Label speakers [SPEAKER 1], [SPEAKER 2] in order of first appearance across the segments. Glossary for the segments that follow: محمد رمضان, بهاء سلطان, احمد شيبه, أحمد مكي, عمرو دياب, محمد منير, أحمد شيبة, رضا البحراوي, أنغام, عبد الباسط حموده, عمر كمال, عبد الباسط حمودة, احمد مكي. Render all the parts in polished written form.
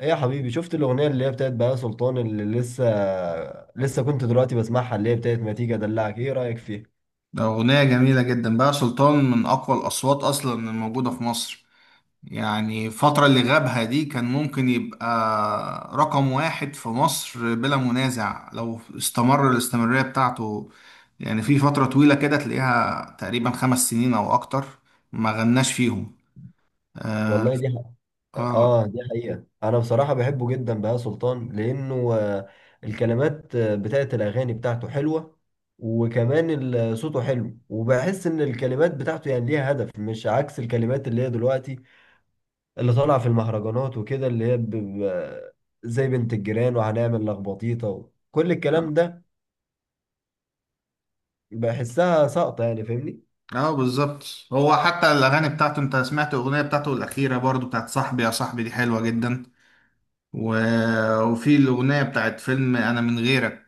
[SPEAKER 1] ايه يا حبيبي؟ شفت الاغنيه اللي هي بتاعت بهاء سلطان اللي لسه كنت دلوقتي بسمعها، اللي هي بتاعت ما تيجي ادلعك؟ ايه رايك فيها؟
[SPEAKER 2] ده أغنية جميلة جدا. بقى سلطان من أقوى الأصوات أصلا الموجودة في مصر. يعني الفترة اللي غابها دي كان ممكن يبقى رقم واحد في مصر بلا منازع لو استمر الاستمرارية بتاعته. يعني في فترة طويلة كده تلاقيها تقريبا 5 سنين أو أكتر ما غناش فيهم. آه.
[SPEAKER 1] والله دي حق.
[SPEAKER 2] آه.
[SPEAKER 1] اه، دي حقيقه. انا بصراحه بحبه جدا بهاء سلطان لانه الكلمات بتاعت الاغاني بتاعته حلوه. وكمان صوته حلو، وبحس ان الكلمات بتاعته يعني ليها هدف، مش عكس الكلمات اللي هي دلوقتي، اللي طالعه في المهرجانات وكده، اللي هي زي بنت الجيران، وهنعمل لخبطيطه كل
[SPEAKER 2] آه.
[SPEAKER 1] الكلام ده. بحسها ساقطة، يعني فاهمني؟
[SPEAKER 2] بالظبط. هو حتى الأغاني بتاعته، أنت سمعت الأغنية بتاعته الأخيرة برضو بتاعت صاحبي يا صاحبي؟ دي حلوة جدا. و... وفي الأغنية بتاعت فيلم أنا من غيرك،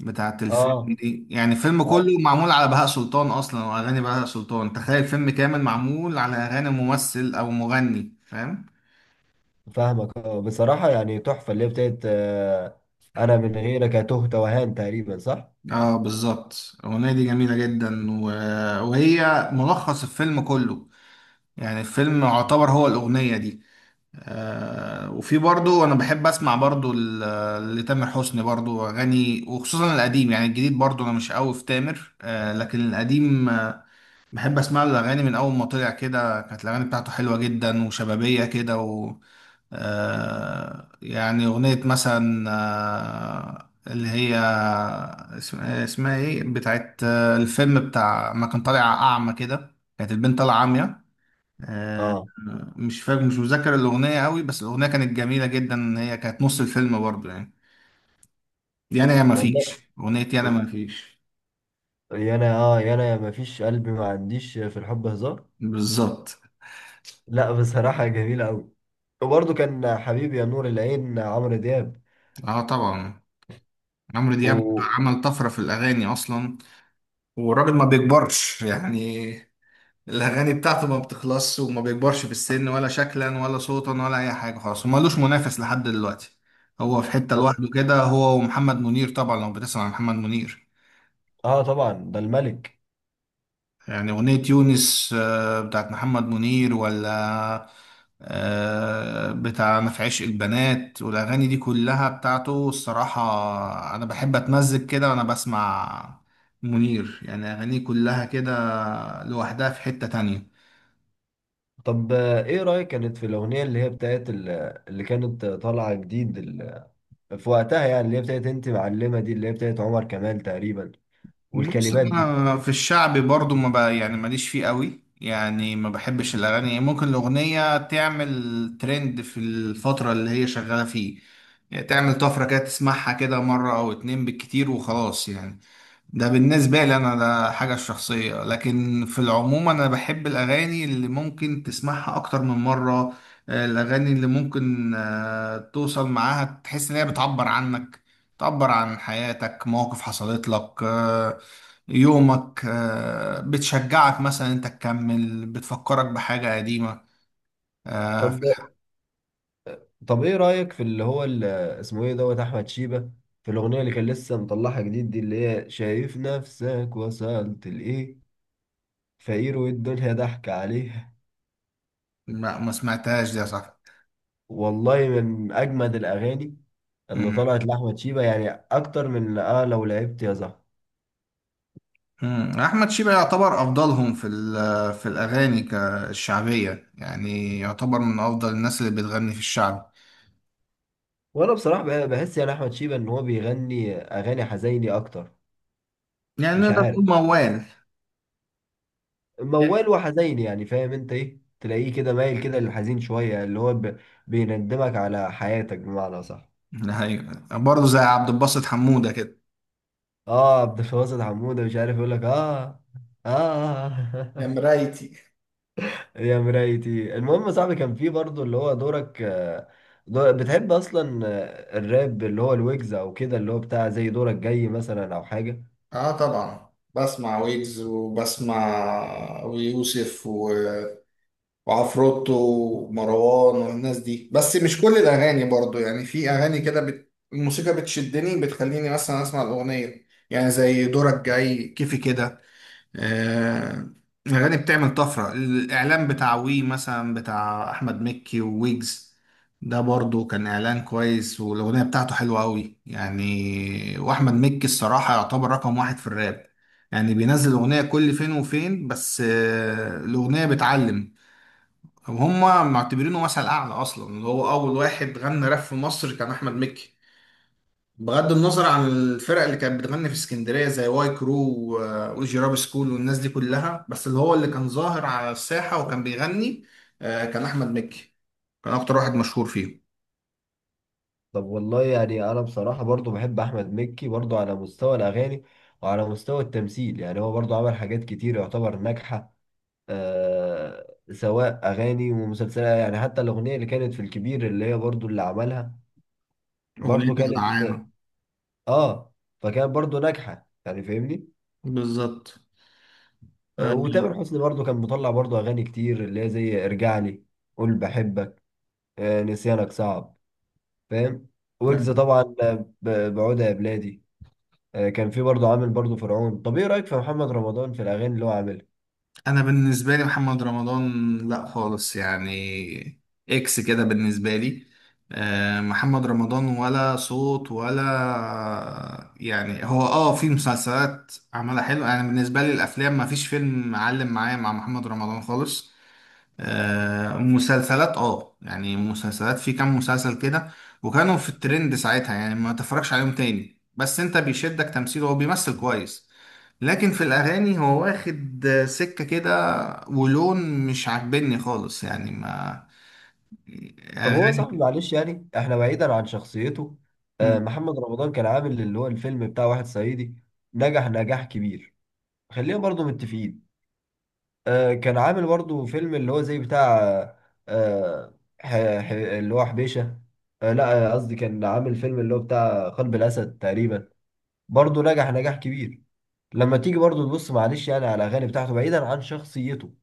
[SPEAKER 2] بتاعت الفيلم
[SPEAKER 1] اه،
[SPEAKER 2] دي، يعني الفيلم
[SPEAKER 1] آه،
[SPEAKER 2] كله معمول على بهاء سلطان أصلا، وأغاني بهاء سلطان. تخيل فيلم كامل معمول على أغاني ممثل أو مغني، فاهم؟
[SPEAKER 1] فاهمك. اه، بصراحة يعني تحفة اللي هي بتاعت انا من غيرك، تهت وهان، تقريبا صح؟
[SPEAKER 2] اه، بالظبط. الأغنية دي جميلة جدا وهي ملخص الفيلم كله. يعني الفيلم يعتبر هو الأغنية دي. وفي برضو أنا بحب أسمع برضو لتامر حسني برضو أغاني، وخصوصا القديم. يعني الجديد برضو أنا مش قوي في تامر، آه، لكن القديم بحب اسمع له الاغاني من اول ما طلع كده. كانت الاغاني بتاعته حلوه جدا وشبابيه كده. و آه يعني اغنيه مثلا، اللي هي اسمها ايه، بتاعت الفيلم بتاع ما كان طالع اعمى كده، كانت البنت طالعه عاميه. آه،
[SPEAKER 1] اه
[SPEAKER 2] مش فاكر، مش مذاكر الاغنيه قوي، بس الاغنيه كانت جميله جدا، هي كانت نص الفيلم برضه يعني. دي انا يا ما فيش،
[SPEAKER 1] والله.
[SPEAKER 2] اغنيه يا انا ما فيش.
[SPEAKER 1] يا انا ما فيش، قلبي ما عنديش في الحب هزار.
[SPEAKER 2] بالظبط.
[SPEAKER 1] لا بصراحة جميلة قوي. وبرضه كان حبيبي يا نور العين، عمرو دياب.
[SPEAKER 2] اه طبعا. عمرو دياب
[SPEAKER 1] و
[SPEAKER 2] عمل طفرة في الأغاني أصلا، والراجل ما بيكبرش يعني. الاغاني بتاعته ما بتخلصش، وما بيكبرش في السن، ولا شكلا ولا صوتا ولا اي حاجه خالص، ومالوش منافس لحد دلوقتي. هو في حته
[SPEAKER 1] و-
[SPEAKER 2] لوحده كده، هو ومحمد منير طبعا، لو بتسمع عن محمد منير.
[SPEAKER 1] اه طبعا، ده الملك.
[SPEAKER 2] يعني اغنيه يونس، بتاعت محمد منير، ولا بتاع ما في عشق البنات والاغاني دي كلها بتاعته. الصراحه انا بحب اتمزج كده وانا بسمع منير، يعني اغانيه كلها كده لوحدها في حته تانية.
[SPEAKER 1] طب ايه رأيك كانت في الأغنية اللي هي بتاعت اللي كانت طالعة جديد في وقتها، يعني اللي هي بتاعت انت معلمه، دي اللي هي بتاعت عمر كمال تقريبا،
[SPEAKER 2] بص،
[SPEAKER 1] والكلمات دي؟
[SPEAKER 2] انا في الشعبي برضو ما بقى يعني ماليش فيه قوي، يعني ما بحبش الاغاني. ممكن الاغنيه تعمل ترند في الفتره اللي هي شغاله فيه، يعني تعمل طفره كده، تسمعها كده مره او اتنين بالكتير وخلاص يعني. ده بالنسبة لي أنا، ده حاجة شخصية. لكن في العموم أنا بحب الأغاني اللي ممكن تسمعها أكتر من مرة. الأغاني اللي ممكن توصل معاها، تحس إن هي بتعبر عنك، تعبر عن حياتك، مواقف حصلت لك، يومك، بتشجعك مثلا أنت تكمل، بتفكرك بحاجة قديمة
[SPEAKER 1] طب
[SPEAKER 2] آه،
[SPEAKER 1] طب ايه رايك في اللي هو اسمه ايه دوت احمد شيبه، في الاغنيه اللي كان لسه مطلعها جديد دي، اللي هي شايف نفسك وصلت لايه؟ فقير والدنيا ضحك عليها.
[SPEAKER 2] ما سمعتهاش دي يا صاحبي.
[SPEAKER 1] والله من اجمد الاغاني اللي طلعت لاحمد شيبه، يعني اكتر من لو لعبت يا زهر.
[SPEAKER 2] احمد شيبة يعتبر افضلهم في الاغاني الشعبيه، يعني يعتبر من افضل الناس اللي بتغني في الشعب.
[SPEAKER 1] وانا بصراحه بحس يعني احمد شيبه ان هو بيغني اغاني حزيني اكتر.
[SPEAKER 2] يعني
[SPEAKER 1] مش
[SPEAKER 2] نقدر
[SPEAKER 1] عارف،
[SPEAKER 2] نقول موال.
[SPEAKER 1] موال وحزين، يعني فاهم انت ايه؟ تلاقيه كده مايل كده للحزين شوية، اللي هو بيندمك على حياتك بمعنى، صح؟
[SPEAKER 2] ايوه، برضه زي عبد الباسط حموده كده.
[SPEAKER 1] اه، عبد الباسط حمودة، مش عارف يقول لك. اه،
[SPEAKER 2] يا
[SPEAKER 1] اه.
[SPEAKER 2] مرايتي.
[SPEAKER 1] يا مرايتي. المهم يا صاحبي، كان في برضه اللي هو دورك، بتحب اصلا الراب اللي هو الويجز او كده، اللي هو بتاع زي دورك جاي مثلا، او حاجة؟
[SPEAKER 2] اه طبعا. بسمع ويجز، وبسمع ويوسف، وعفروتو ومروان والناس دي، بس مش كل الاغاني برضو يعني. في اغاني كده الموسيقى بتشدني، بتخليني مثلا اسمع الاغنيه، يعني زي دورك جاي، كيفي كده. آه، الأغاني بتعمل طفرة. الإعلان بتاع وي مثلا، بتاع أحمد مكي وويجز، ده برضو كان إعلان كويس، والأغنية بتاعته حلوة أوي يعني. وأحمد مكي الصراحة يعتبر رقم واحد في الراب. يعني بينزل أغنية كل فين وفين، بس الأغنية بتعلم. وهم معتبرينه مثل أعلى أصلا. اللي هو أول واحد غنى راب في مصر كان أحمد مكي، بغض النظر عن الفرق اللي كانت بتغني في اسكندريه زي واي كرو والجيراب سكول والناس دي كلها، بس اللي هو اللي كان ظاهر على الساحه وكان بيغني، كان احمد مكي. كان اكتر واحد مشهور فيه.
[SPEAKER 1] طب والله يعني انا بصراحة برضه بحب احمد مكي، برضه على مستوى الاغاني وعلى مستوى التمثيل. يعني هو برضه عمل حاجات كتير يعتبر ناجحة، آه، سواء اغاني ومسلسلات. يعني حتى الاغنيه اللي كانت في الكبير، اللي هي برضو اللي عملها برضو،
[SPEAKER 2] اغنيته
[SPEAKER 1] كانت
[SPEAKER 2] العانه.
[SPEAKER 1] اه فكانت برضو ناجحه، يعني فاهمني؟
[SPEAKER 2] بالظبط.
[SPEAKER 1] وتامر حسني برضو كان مطلع برضو اغاني كتير، اللي هي زي ارجع لي، قول بحبك، نسيانك صعب، فاهم؟
[SPEAKER 2] آه،
[SPEAKER 1] ويجز طبعا، بعودة يا بلادي. كان في برضو عامل برضو فرعون. طب ايه رايك في محمد رمضان في الاغاني اللي هو عاملها؟
[SPEAKER 2] انا بالنسبه لي محمد رمضان لا خالص يعني، اكس كده بالنسبه لي. محمد رمضان ولا صوت، ولا يعني. هو اه في مسلسلات عملها حلو. انا بالنسبه لي الافلام ما فيش فيلم معلم معايا مع محمد رمضان خالص. مسلسلات اه، يعني مسلسلات في كام مسلسل كده وكانوا في الترند ساعتها، يعني ما تفرجش عليهم تاني، بس انت بيشدك تمثيله، هو بيمثل كويس. لكن في الاغاني هو واخد، سكة كده ولون مش عاجبني خالص يعني. ما
[SPEAKER 1] طب
[SPEAKER 2] يعني
[SPEAKER 1] هو صاحبي،
[SPEAKER 2] اغاني.
[SPEAKER 1] معلش يعني، احنا بعيدا عن شخصيته.
[SPEAKER 2] مم.
[SPEAKER 1] محمد رمضان كان عامل اللي هو الفيلم بتاع واحد صعيدي، نجح نجاح كبير، خلينا برضو متفقين. كان عامل برضو فيلم اللي هو زي بتاع آه، ح- اللي هو حبيشة. لا، قصدي كان عامل فيلم اللي هو بتاع قلب الأسد تقريبا، برضو نجح نجاح كبير. لما تيجي برضو تبص، معلش يعني، على الأغاني بتاعته بعيدا عن شخصيته،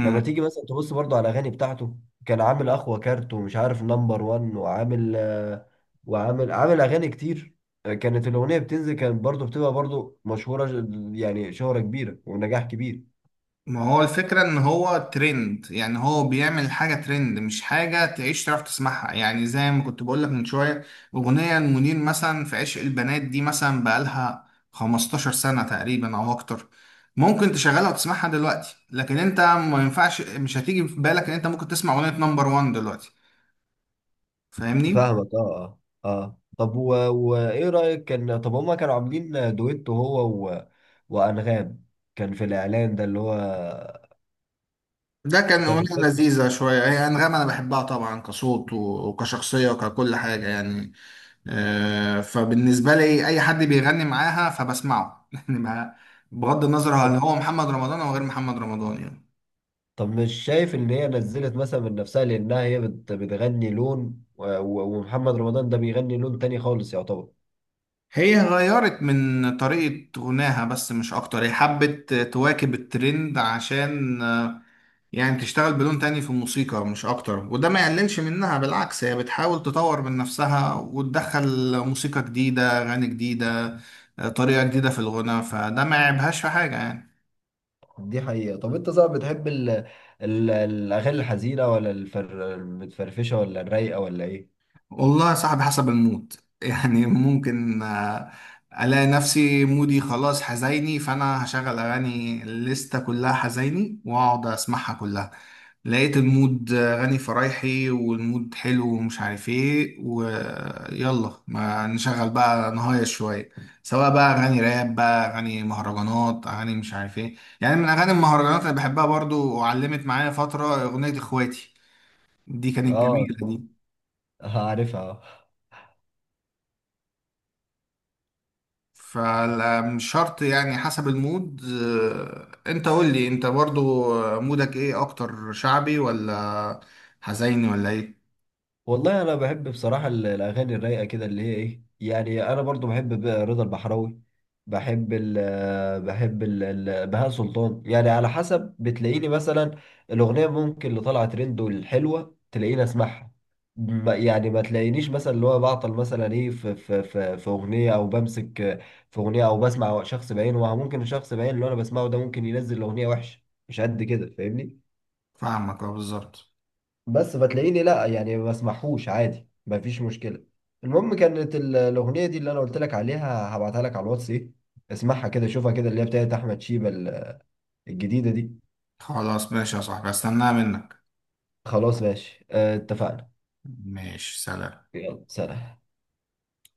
[SPEAKER 1] لما تيجي مثلا تبص برضو على الاغاني بتاعته، كان عامل اخوة كارت، ومش عارف نمبر وان، وعامل وعامل اغاني كتير. كانت الاغنية بتنزل، كانت برضو بتبقى برضو مشهورة، يعني شهرة كبيرة ونجاح كبير.
[SPEAKER 2] ما هو الفكرة ان هو ترند، يعني هو بيعمل حاجة ترند، مش حاجة تعيش تعرف تسمعها. يعني زي ما كنت بقولك من شوية، اغنية المنير مثلا في عشق البنات دي مثلا بقالها 15 سنة تقريبا او اكتر. ممكن تشغلها وتسمعها دلوقتي، لكن انت ما ينفعش، مش هتيجي في بالك ان انت ممكن تسمع اغنية نمبر وان دلوقتي. فاهمني؟
[SPEAKER 1] فاهمك. اه، اه، اه. طب وايه رأيك كان؟ طب هما كانوا عاملين دويتو هو و... وانغام، كان في الاعلان ده اللي هو،
[SPEAKER 2] ده كان
[SPEAKER 1] كان مش
[SPEAKER 2] أغنية
[SPEAKER 1] فاكر؟
[SPEAKER 2] لذيذة شوية. هي أنغام أنا بحبها طبعا، كصوت وكشخصية وككل حاجة يعني. فبالنسبة لي أي حد بيغني معاها فبسمعه يعني بغض النظر هل هو محمد رمضان أو غير محمد رمضان يعني.
[SPEAKER 1] طب مش شايف ان هي نزلت مثلا من نفسها، لانها هي بتغني لون، ومحمد رمضان ده بيغني لون تاني خالص يعتبر.
[SPEAKER 2] هي غيرت من طريقة غناها بس، مش أكتر. هي حبت تواكب الترند عشان يعني تشتغل بلون تاني في الموسيقى مش أكتر، وده ما يقللش منها. بالعكس هي بتحاول تطور من نفسها، وتدخل موسيقى جديدة، أغاني جديدة، طريقة جديدة في الغناء، فده ما يعيبهاش في حاجة يعني.
[SPEAKER 1] دي حقيقة. طب انت صعب، بتحب ال الاغاني الحزينة، ولا المتفرفشة، ولا الرايقة، ولا ايه؟
[SPEAKER 2] والله يا صاحبي حسب المود يعني ممكن ألاقي نفسي مودي خلاص حزيني، فأنا هشغل أغاني الليستة كلها حزيني وأقعد أسمعها كلها. لقيت المود غني فرايحي، والمود حلو ومش عارف ايه، ويلا ما نشغل بقى نهاية شوية، سواء بقى أغاني راب، بقى أغاني مهرجانات، أغاني مش عارف ايه. يعني من أغاني المهرجانات اللي بحبها برضو وعلمت معايا فترة أغنية إخواتي، دي كانت
[SPEAKER 1] اه.
[SPEAKER 2] جميلة دي.
[SPEAKER 1] عارفها.
[SPEAKER 2] فمش شرط يعني، حسب المود. انت قول لي انت برضو، مودك ايه اكتر، شعبي ولا حزيني ولا ايه؟
[SPEAKER 1] والله انا بحب بصراحه الاغاني الرايقه كده، اللي هي ايه يعني؟ انا برضو بحب رضا البحراوي، بحب بهاء سلطان. يعني على حسب، بتلاقيني مثلا الاغنيه ممكن اللي طالعه ترند والحلوه تلاقيني اسمعها. يعني ما تلاقينيش مثلا اللي هو بعطل مثلا ايه في في اغنيه، او بمسك في اغنيه، او بسمع شخص بعينه. ممكن الشخص بعينه اللي انا بسمعه ده ممكن ينزل اغنيه وحشه، مش قد كده، فاهمني؟
[SPEAKER 2] فاهمك اه، بالظبط.
[SPEAKER 1] بس فتلاقيني لا يعني، ما بسمعهوش عادي، ما فيش مشكله. المهم، كانت الاغنيه دي اللي انا قلت لك عليها، هبعتها لك على الواتس. ايه، اسمعها كده، شوفها كده، اللي هي بتاعت احمد شيبه الجديده دي.
[SPEAKER 2] خلاص ماشي يا صاحبي، استناها منك.
[SPEAKER 1] خلاص ماشي، اتفقنا.
[SPEAKER 2] ماشي، سلام.
[SPEAKER 1] يلا سلام.